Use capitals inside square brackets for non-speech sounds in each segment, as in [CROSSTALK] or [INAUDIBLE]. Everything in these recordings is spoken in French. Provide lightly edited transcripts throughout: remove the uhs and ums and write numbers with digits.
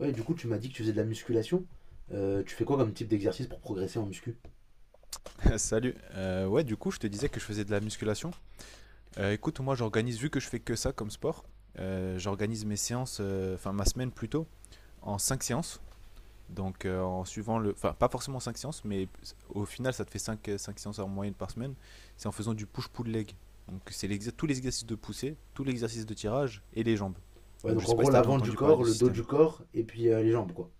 Ouais, du coup, tu m'as dit que tu faisais de la musculation. Tu fais quoi comme type d'exercice pour progresser en muscu? [LAUGHS] Salut. Ouais, du coup, je te disais que je faisais de la musculation. Écoute, moi, j'organise, vu que je fais que ça comme sport, j'organise mes séances, enfin ma semaine plutôt, en 5 séances. Donc, en suivant le. Enfin, pas forcément 5 séances, mais au final, ça te fait cinq séances en moyenne par semaine. C'est en faisant du push-pull leg. Donc, tous les exercices de poussée, tous les exercices de tirage et les jambes. Ouais, Donc, je donc en sais pas gros, si tu as déjà l'avant du entendu parler corps, de ce le dos du système. corps, et puis les jambes, quoi.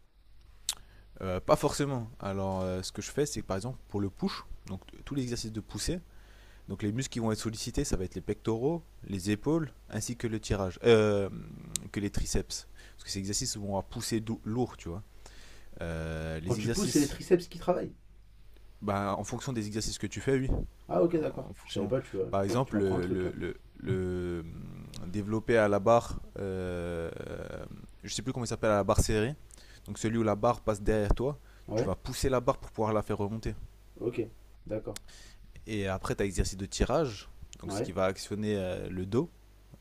Pas forcément. Alors, ce que je fais, c'est que, par exemple, pour le push, donc tous les exercices de poussée. Donc les muscles qui vont être sollicités, ça va être les pectoraux, les épaules, ainsi que le tirage, que les triceps. Parce que ces exercices vont avoir poussé lourd, tu vois. Quand Les tu pousses, c'est les exercices, triceps qui travaillent. bah, en fonction des exercices que tu fais, oui. Ah, ok, d'accord. En Je savais fonction, pas, tu vois. par Tu exemple, m'apprends un le, truc, le, là. le- le, hum, développer à la barre, je sais plus comment il s'appelle, à la barre serrée. Donc celui où la barre passe derrière toi, tu Ouais, vas pousser la barre pour pouvoir la faire remonter. ok, d'accord. Et après, tu as l'exercice de tirage, donc ce Ouais, qui va actionner le dos,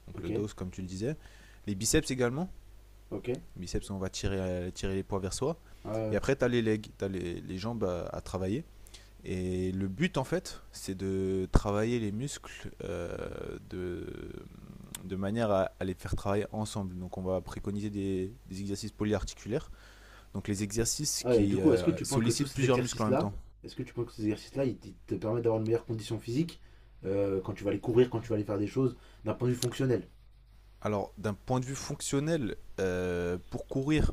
donc ok, le dos comme tu le disais. Les biceps également, ok. Ouais, les biceps on va tirer les poids vers soi. Et ouais. après tu as les legs, tu as les jambes à travailler. Et le but en fait c'est de travailler les muscles, de manière à les faire travailler ensemble. Donc on va préconiser des exercices polyarticulaires, donc les exercices Ouais, et du qui coup, est-ce euh, que tu penses que tous sollicitent ces plusieurs muscles en même exercices-là, temps. est-ce que tu penses que ces exercices-là, ils te permettent d'avoir une meilleure condition physique quand tu vas aller courir, quand tu vas aller faire des choses d'un point de vue fonctionnel? Alors d'un point de vue fonctionnel, pour courir,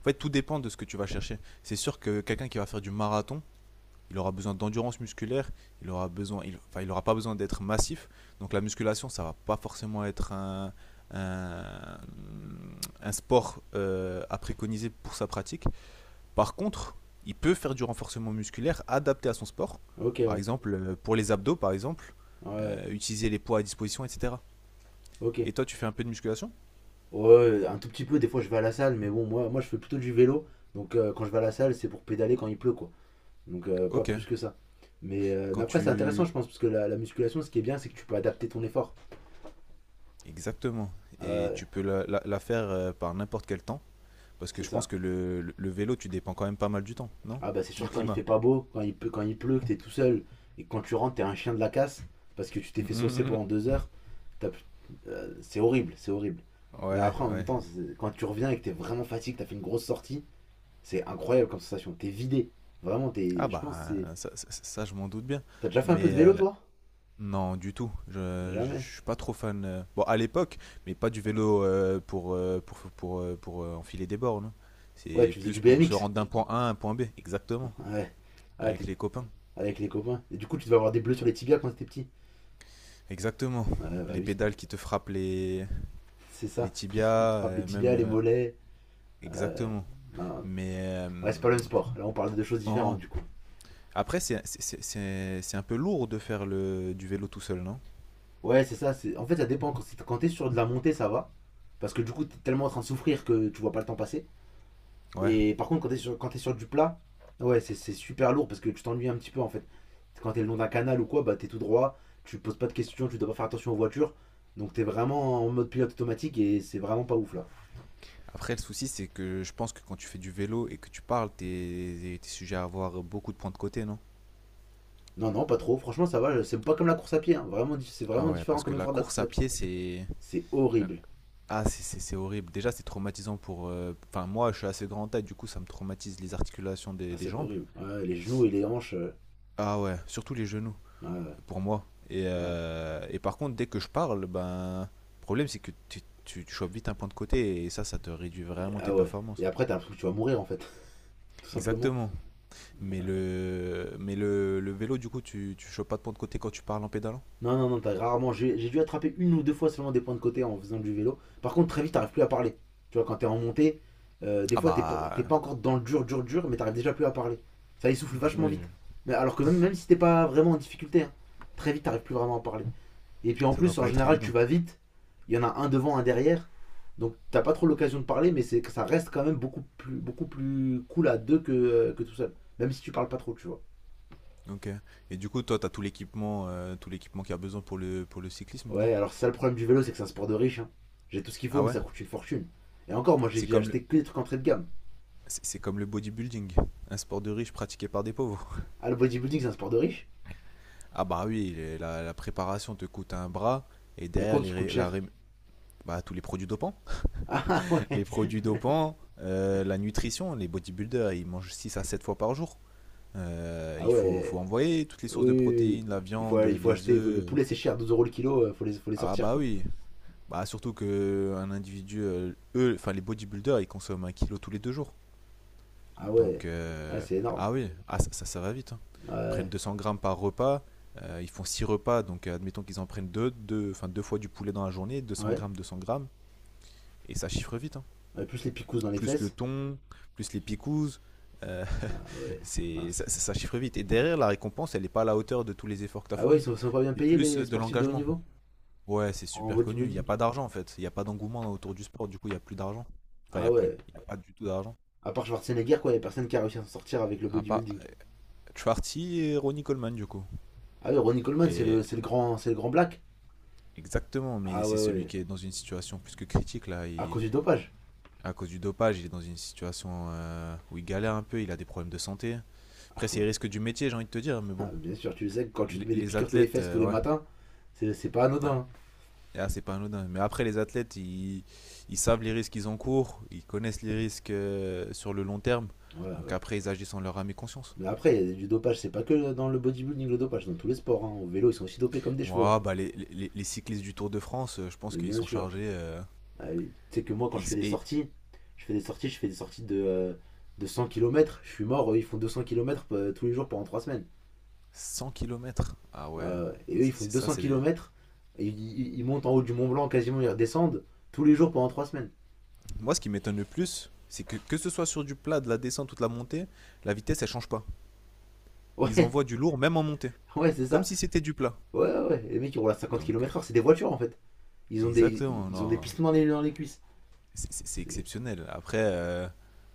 en fait tout dépend de ce que tu vas chercher. C'est sûr que quelqu'un qui va faire du marathon, il aura besoin d'endurance musculaire, il aura besoin, il, enfin, il aura pas besoin d'être massif. Donc la musculation, ça va pas forcément être un, un sport, à préconiser pour sa pratique. Par contre, il peut faire du renforcement musculaire adapté à son sport. Ok, Par ouais. exemple, pour les abdos, par exemple, Ouais, ouais. Utiliser les poids à disposition, etc. Ok. Et toi, tu fais un peu de musculation? Ouais, un tout petit peu, des fois je vais à la salle, mais bon, moi je fais plutôt du vélo. Donc, quand je vais à la salle, c'est pour pédaler quand il pleut, quoi. Donc, pas Ok. plus que ça. Mais, Quand après, c'est intéressant, tu... je pense, parce que la musculation, ce qui est bien, c'est que tu peux adapter ton effort. Exactement. Et Ouais, tu peux la faire par n'importe quel temps. Parce que c'est je pense ça. que le vélo, tu dépends quand même pas mal du temps, non? Ah bah c'est Du sûr, quand il fait climat. pas [LAUGHS] beau, quand il, peut, quand il pleut, que t'es tout seul, et que quand tu rentres, t'es un chien de la casse, parce que tu t'es fait saucer Mhm. pendant 2 heures, t'as plus- c'est horrible, c'est horrible. Mais Ouais, après, en même ouais. temps, c'est, quand tu reviens et que t'es vraiment fatigué, que t'as fait une grosse sortie, c'est incroyable comme sensation. T'es vidé. Vraiment, Ah t'es, je bah, pense, que c'est... ça, je m'en doute bien. T'as déjà fait un peu de Mais vélo, toi? non, du tout. Je, Jamais. je suis pas trop fan. Bon, à l'époque, mais pas du vélo, pour enfiler des bornes, hein. Ouais, C'est tu faisais plus du pour se BMX. rendre d'un point A à un point B. Exactement. [LAUGHS] Ouais. Ouais, ah, Avec t'es les copains. avec les copains. Et du coup, tu devais avoir des bleus sur les tibias quand t'étais petit. Exactement. Ouais, bah Les oui, pédales qui te frappent les, c'est les ça. Qui te tibias, frappe les même. tibias, les mollets. euh, Exactement. non. Mais euh, Ouais, c'est pas le même sport. Là, on parle de deux choses oh, différentes, du coup. après, c'est un peu lourd de faire du vélo tout seul, non? Ouais, c'est ça. En fait, ça dépend. Quand t'es sur de la montée, ça va. Parce que du coup, t'es tellement en train de souffrir que tu vois pas le temps passer. Ouais. Et par contre, quand t'es sur du plat, ouais, c'est super lourd parce que tu t'ennuies un petit peu en fait. Quand t'es le long d'un canal ou quoi, bah t'es tout droit, tu poses pas de questions, tu dois pas faire attention aux voitures. Donc t'es vraiment en mode pilote automatique et c'est vraiment pas ouf là. Après, le souci, c'est que je pense que quand tu fais du vélo et que tu parles, t'es es sujet à avoir beaucoup de points de côté, non? Non, non, pas trop. Franchement, ça va. C'est pas comme la course à pied, hein. Vraiment, c'est Ah vraiment ouais, différent parce que comme la effort de la course course à à pied. pied, c'est... C'est horrible. Ah, c'est horrible. Déjà, c'est traumatisant pour... Enfin, moi, je suis assez grand taille, du coup, ça me traumatise les articulations Ah, des c'est jambes. horrible. Ouais, les genoux et les hanches. Ah ouais, surtout les genoux, Ouais, pour moi. Et, ouais. euh, et par contre, dès que je parle, ben... Le problème, c'est que tu chopes vite un point de côté et ça te réduit vraiment tes Ah ouais. Et performances. après, t'as l'impression que tu vas mourir en fait, [LAUGHS] tout simplement. Exactement. Mais le vélo, du coup, tu chopes pas de point de côté quand tu parles en pédalant? Non, non, non, t'as rarement. J'ai dû attraper une ou deux fois seulement des points de côté en faisant du vélo. Par contre, très vite, t'arrives plus à parler. Tu vois, quand t'es en montée, des Ah fois, t'es pas bah, encore dans le dur, dur, dur, mais t'arrives déjà plus à parler. Ça essouffle vachement oui, vite. Mais alors que même, même si t'es pas vraiment en difficulté, hein, très vite, t'arrives plus vraiment à parler. Et puis en ça doit plus, en pas être général, tu évident. vas vite. Il y en a un devant, un derrière. Donc t'as pas trop l'occasion de parler, mais c'est ça reste quand même beaucoup plus cool à deux que tout seul. Même si tu parles pas trop, tu vois. Ok. Et du coup, toi, t'as tout l'équipement, qu'il y a besoin pour pour le cyclisme, non? Ouais, alors c'est ça le problème du vélo, c'est que c'est un sport de riche, hein. J'ai tout ce qu'il faut, Ah mais ouais? ça coûte une fortune. Et encore, moi j'ai C'est j'ai comme le, acheté que des trucs entrée de gamme. c'est comme le bodybuilding, un sport de riche pratiqué par des pauvres. Ah, le bodybuilding, c'est un sport de riche? Ah bah oui, la préparation te coûte un bras et Y a derrière quoi qui les, coûte ré- la, cher? ré- bah, tous les produits dopants. Ah [LAUGHS] [LAUGHS] ouais. Les produits dopants, la nutrition, les bodybuilders, ils mangent 6 à 7 fois par jour. Ah Il faut ouais. envoyer toutes les Oui, sources de oui, oui. Oui. protéines, la Il faut, viande, il faut les acheter. Le œufs. poulet, c'est cher, 12 € le kilo, faut les Ah sortir bah quoi. oui. Bah surtout que enfin les bodybuilders, ils consomment 1 kilo tous les 2 jours. Ah Donc, ouais. Ouais, c'est énorme. ah oui, ah ça va vite, hein. Ils prennent Ouais. 200 grammes par repas. Ils font 6 repas, donc admettons qu'ils en prennent enfin deux fois du poulet dans la journée, deux cents Ouais. grammes, 200 grammes, et ça chiffre vite, hein. Ouais, plus les picousses dans les Plus le fesses. thon, plus les picouzes. Euh, Ah ouais, c'est ça, mince. ça chiffre vite. Et derrière, la récompense, elle n'est pas à la hauteur de tous les efforts que tu as Ah ouais, ils fournis. sont pas bien C'est payés plus les de sportifs de haut l'engagement. niveau? Ouais, c'est En super connu. Il n'y a bodybuilding? pas d'argent en fait. Il n'y a pas d'engouement autour du sport. Du coup, il n'y a plus d'argent. Enfin, il n'y Ah a plus. ouais. Il n'y a pas du tout d'argent. À part Schwarzenegger, quoi, y a personne qui a réussi à s'en sortir avec le À part bodybuilding. Schwarty et Ronnie Coleman, du coup. Ah oui, Ronnie Coleman, Et c'est le grand black. exactement, mais Ah c'est ouais, celui ouais. qui est dans une situation plus que critique là. À cause du dopage. À cause du dopage, il est dans une situation, où il galère un peu. Il a des problèmes de santé. Après, c'est les [LAUGHS] risques du métier, j'ai envie de te dire. Mais bon, Bien sûr, tu le sais, quand tu te les, mets des les piqûres tous les athlètes, fesses tous les ouais. matins, c'est pas anodin, Ah, c'est pas anodin. Mais après, les athlètes, ils savent les risques qu'ils encourent, ils connaissent les risques, sur le long terme. hein. Ouais, Donc ouais. après, ils agissent en leur âme et conscience. Mais après, il y a du dopage, c'est pas que dans le bodybuilding le dopage, dans tous les sports, hein. Au vélo, ils sont aussi dopés comme des chevaux, hein. Ouah, bah, les cyclistes du Tour de France, je pense Mais qu'ils bien sont sûr. chargés. Ah oui. Tu sais que moi, quand ils- et je fais des sorties de 100 kilomètres. Je suis mort, eux, ils font 200 kilomètres tous les jours pendant 3 semaines. 100 kilomètres. Ah ouais, Et eux, ils c'est font c'est ça. 200 kilomètres. Ils montent en haut du Mont Blanc quasiment, ils redescendent tous les jours pendant 3 semaines. Moi, ce qui m'étonne le plus, c'est que ce soit sur du plat, de la descente ou de la montée, la vitesse, elle change pas. Ils Ouais, envoient du lourd, même en montée. [LAUGHS] ouais, c'est Comme ça. si c'était du plat. Ouais, ouais, ouais. Les mecs, ils roulent à Donc, 50 km/h, c'est des voitures en fait. Ils ont des, exactement, ils ont des non. pistons dans les cuisses. C'est C'est- exceptionnel. Après, euh,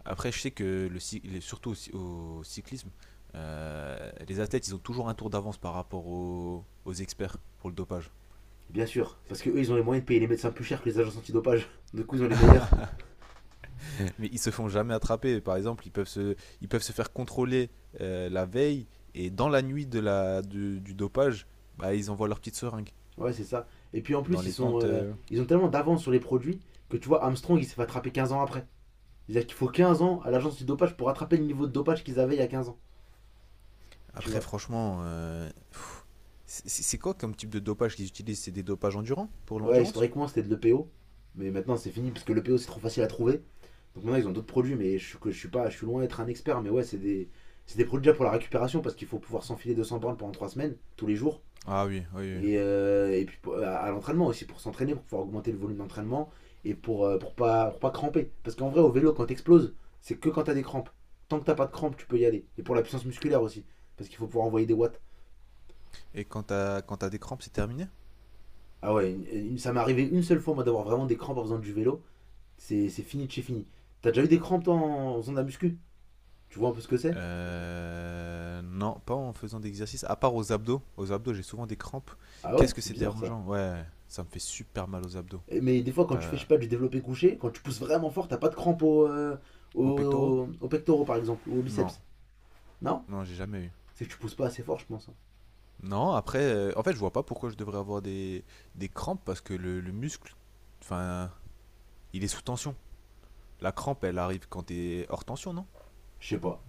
après, je sais que surtout au cyclisme, les athlètes, ils ont toujours un tour d'avance par rapport aux experts pour le dopage. Bien sûr, parce que eux, ils ont les moyens de payer les médecins plus cher que les agences antidopage. [LAUGHS] Du coup, ils ont les meilleurs. [LAUGHS] Mais ils se font jamais attraper. Par exemple, ils peuvent se faire contrôler, la veille et dans la nuit du dopage, bah, ils envoient leur petite seringue Ouais, c'est ça. Et puis en dans plus, les tentes. Ils ont tellement d'avance sur les produits que tu vois, Armstrong, il s'est fait attraper 15 ans après. C'est-à-dire qu'il faut 15 ans à l'agence antidopage pour attraper le niveau de dopage qu'ils avaient il y a 15 ans. Tu Après, vois. franchement, c'est quoi comme type de dopage qu'ils utilisent? C'est des dopages endurants pour Ouais, l'endurance? historiquement, c'était de l'EPO. Mais maintenant, c'est fini parce que le l'EPO, c'est trop facile à trouver. Donc maintenant, ils ont d'autres produits, mais je, suis- que je suis pas, je suis loin d'être un expert. Mais ouais, c'est des produits déjà pour la récupération parce qu'il faut pouvoir s'enfiler 200 bornes pendant 3 semaines, tous les jours. Ah oui, oui, oui. Et puis à l'entraînement aussi, pour s'entraîner, pour pouvoir augmenter le volume d'entraînement et pour pas cramper. Parce qu'en vrai, au vélo, quand t'exploses, c'est que quand t'as des crampes. Tant que t'as pas de crampes, tu peux y aller. Et pour la puissance musculaire aussi, parce qu'il faut pouvoir envoyer des watts. Et quand t'as des crampes, c'est terminé? Ah ouais, ça m'est arrivé une seule fois, moi, d'avoir vraiment des crampes en faisant du vélo. C'est fini de chez fini. T'as déjà eu des crampes, toi, en faisant de la muscu? Tu vois un peu ce que c'est? Non, pas en faisant d'exercice. À part aux abdos. Aux abdos, j'ai souvent des crampes. Ah ouais, Qu'est-ce que c'est c'est bizarre ça. dérangeant? Ouais, ça me fait super mal aux abdos. Mais des fois, quand tu fais, je T'as... sais pas, du développé couché, quand tu pousses vraiment fort, t'as pas de crampe au, euh, Aux pectoraux? au- au pectoraux, par exemple, ou au Non, biceps. Non? non, j'ai jamais eu. C'est que tu pousses pas assez fort, je pense, hein. Non, après, en fait, je vois pas pourquoi je devrais avoir des crampes parce que le muscle, enfin, il est sous tension. La crampe, elle arrive quand t'es hors tension, non? Je sais pas,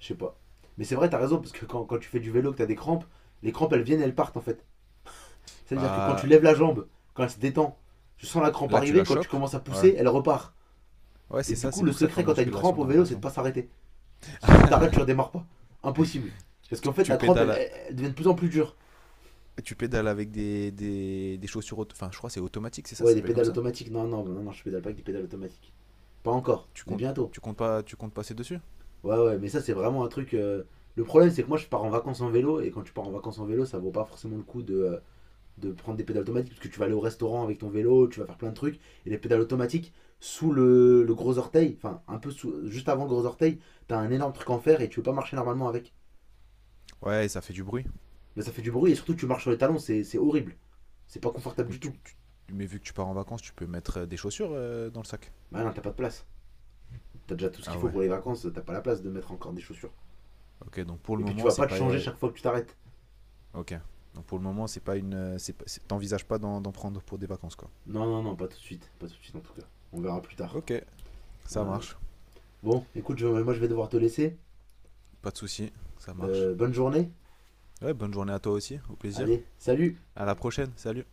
je sais pas. Mais c'est vrai, t'as raison, parce que quand tu fais du vélo, que t'as des crampes, les crampes, elles viennent, elles partent, en fait. C'est-à-dire que quand tu Bah, lèves la jambe, quand elle se détend, tu sens la crampe là, tu la arriver, quand tu chopes. commences à Voilà. pousser, elle repart. Ouais, Et c'est du ça, coup, c'est le pour ça secret qu'en quand t'as une crampe musculation, au t'as vélo, c'est de l'impression. pas s'arrêter. Parce que si t'arrêtes, tu redémarres pas. Impossible. Tu, Parce qu'en tu- fait, tu la crampe, elle, pédales. elle- elle devient de plus en plus dure. Et tu pédales avec des chaussures, enfin je crois que c'est automatique, c'est ça, Ouais, ça des s'appelle comme pédales ça. automatiques. Non, non, non, non, je pédale pas avec des pédales automatiques. Pas encore, mais bientôt. Tu comptes pas, tu comptes passer dessus? Ouais, ouais, mais ça, c'est vraiment un truc. Le problème, c'est que moi, je pars en vacances en vélo, et quand tu pars en vacances en vélo, ça vaut pas forcément le coup de prendre des pédales automatiques, parce que tu vas aller au restaurant avec ton vélo, tu vas faire plein de trucs, et les pédales automatiques, sous le gros orteil, enfin, un peu sous, juste avant le gros orteil, t'as un énorme truc en fer, et tu peux pas marcher normalement avec. Ouais, ça fait du bruit. Mais ça fait du bruit, et surtout, tu marches sur les talons, c'est horrible. C'est pas confortable Mais du tu, tout. tu- mais vu que tu pars en vacances, tu peux mettre des chaussures, dans le sac. Bah non, t'as pas de place. T'as déjà tout ce qu'il Ah faut ouais. pour les vacances, t'as pas la place de mettre encore des chaussures. Ok, donc pour Et le puis tu moment vas c'est pas te pas, changer chaque fois que tu t'arrêtes. ok. Donc pour le moment c'est pas une, c'est pas- c'est- t'envisages pas d'en prendre pour des vacances, quoi. Non, non, non, pas tout de suite. Pas tout de suite en tout cas. On verra plus tard. Ok, Ouais. ça marche, Bon, écoute, moi je vais devoir te laisser. pas de souci, ça marche. Bonne journée. Ouais, bonne journée à toi aussi, au plaisir. Allez, salut. À la prochaine, salut.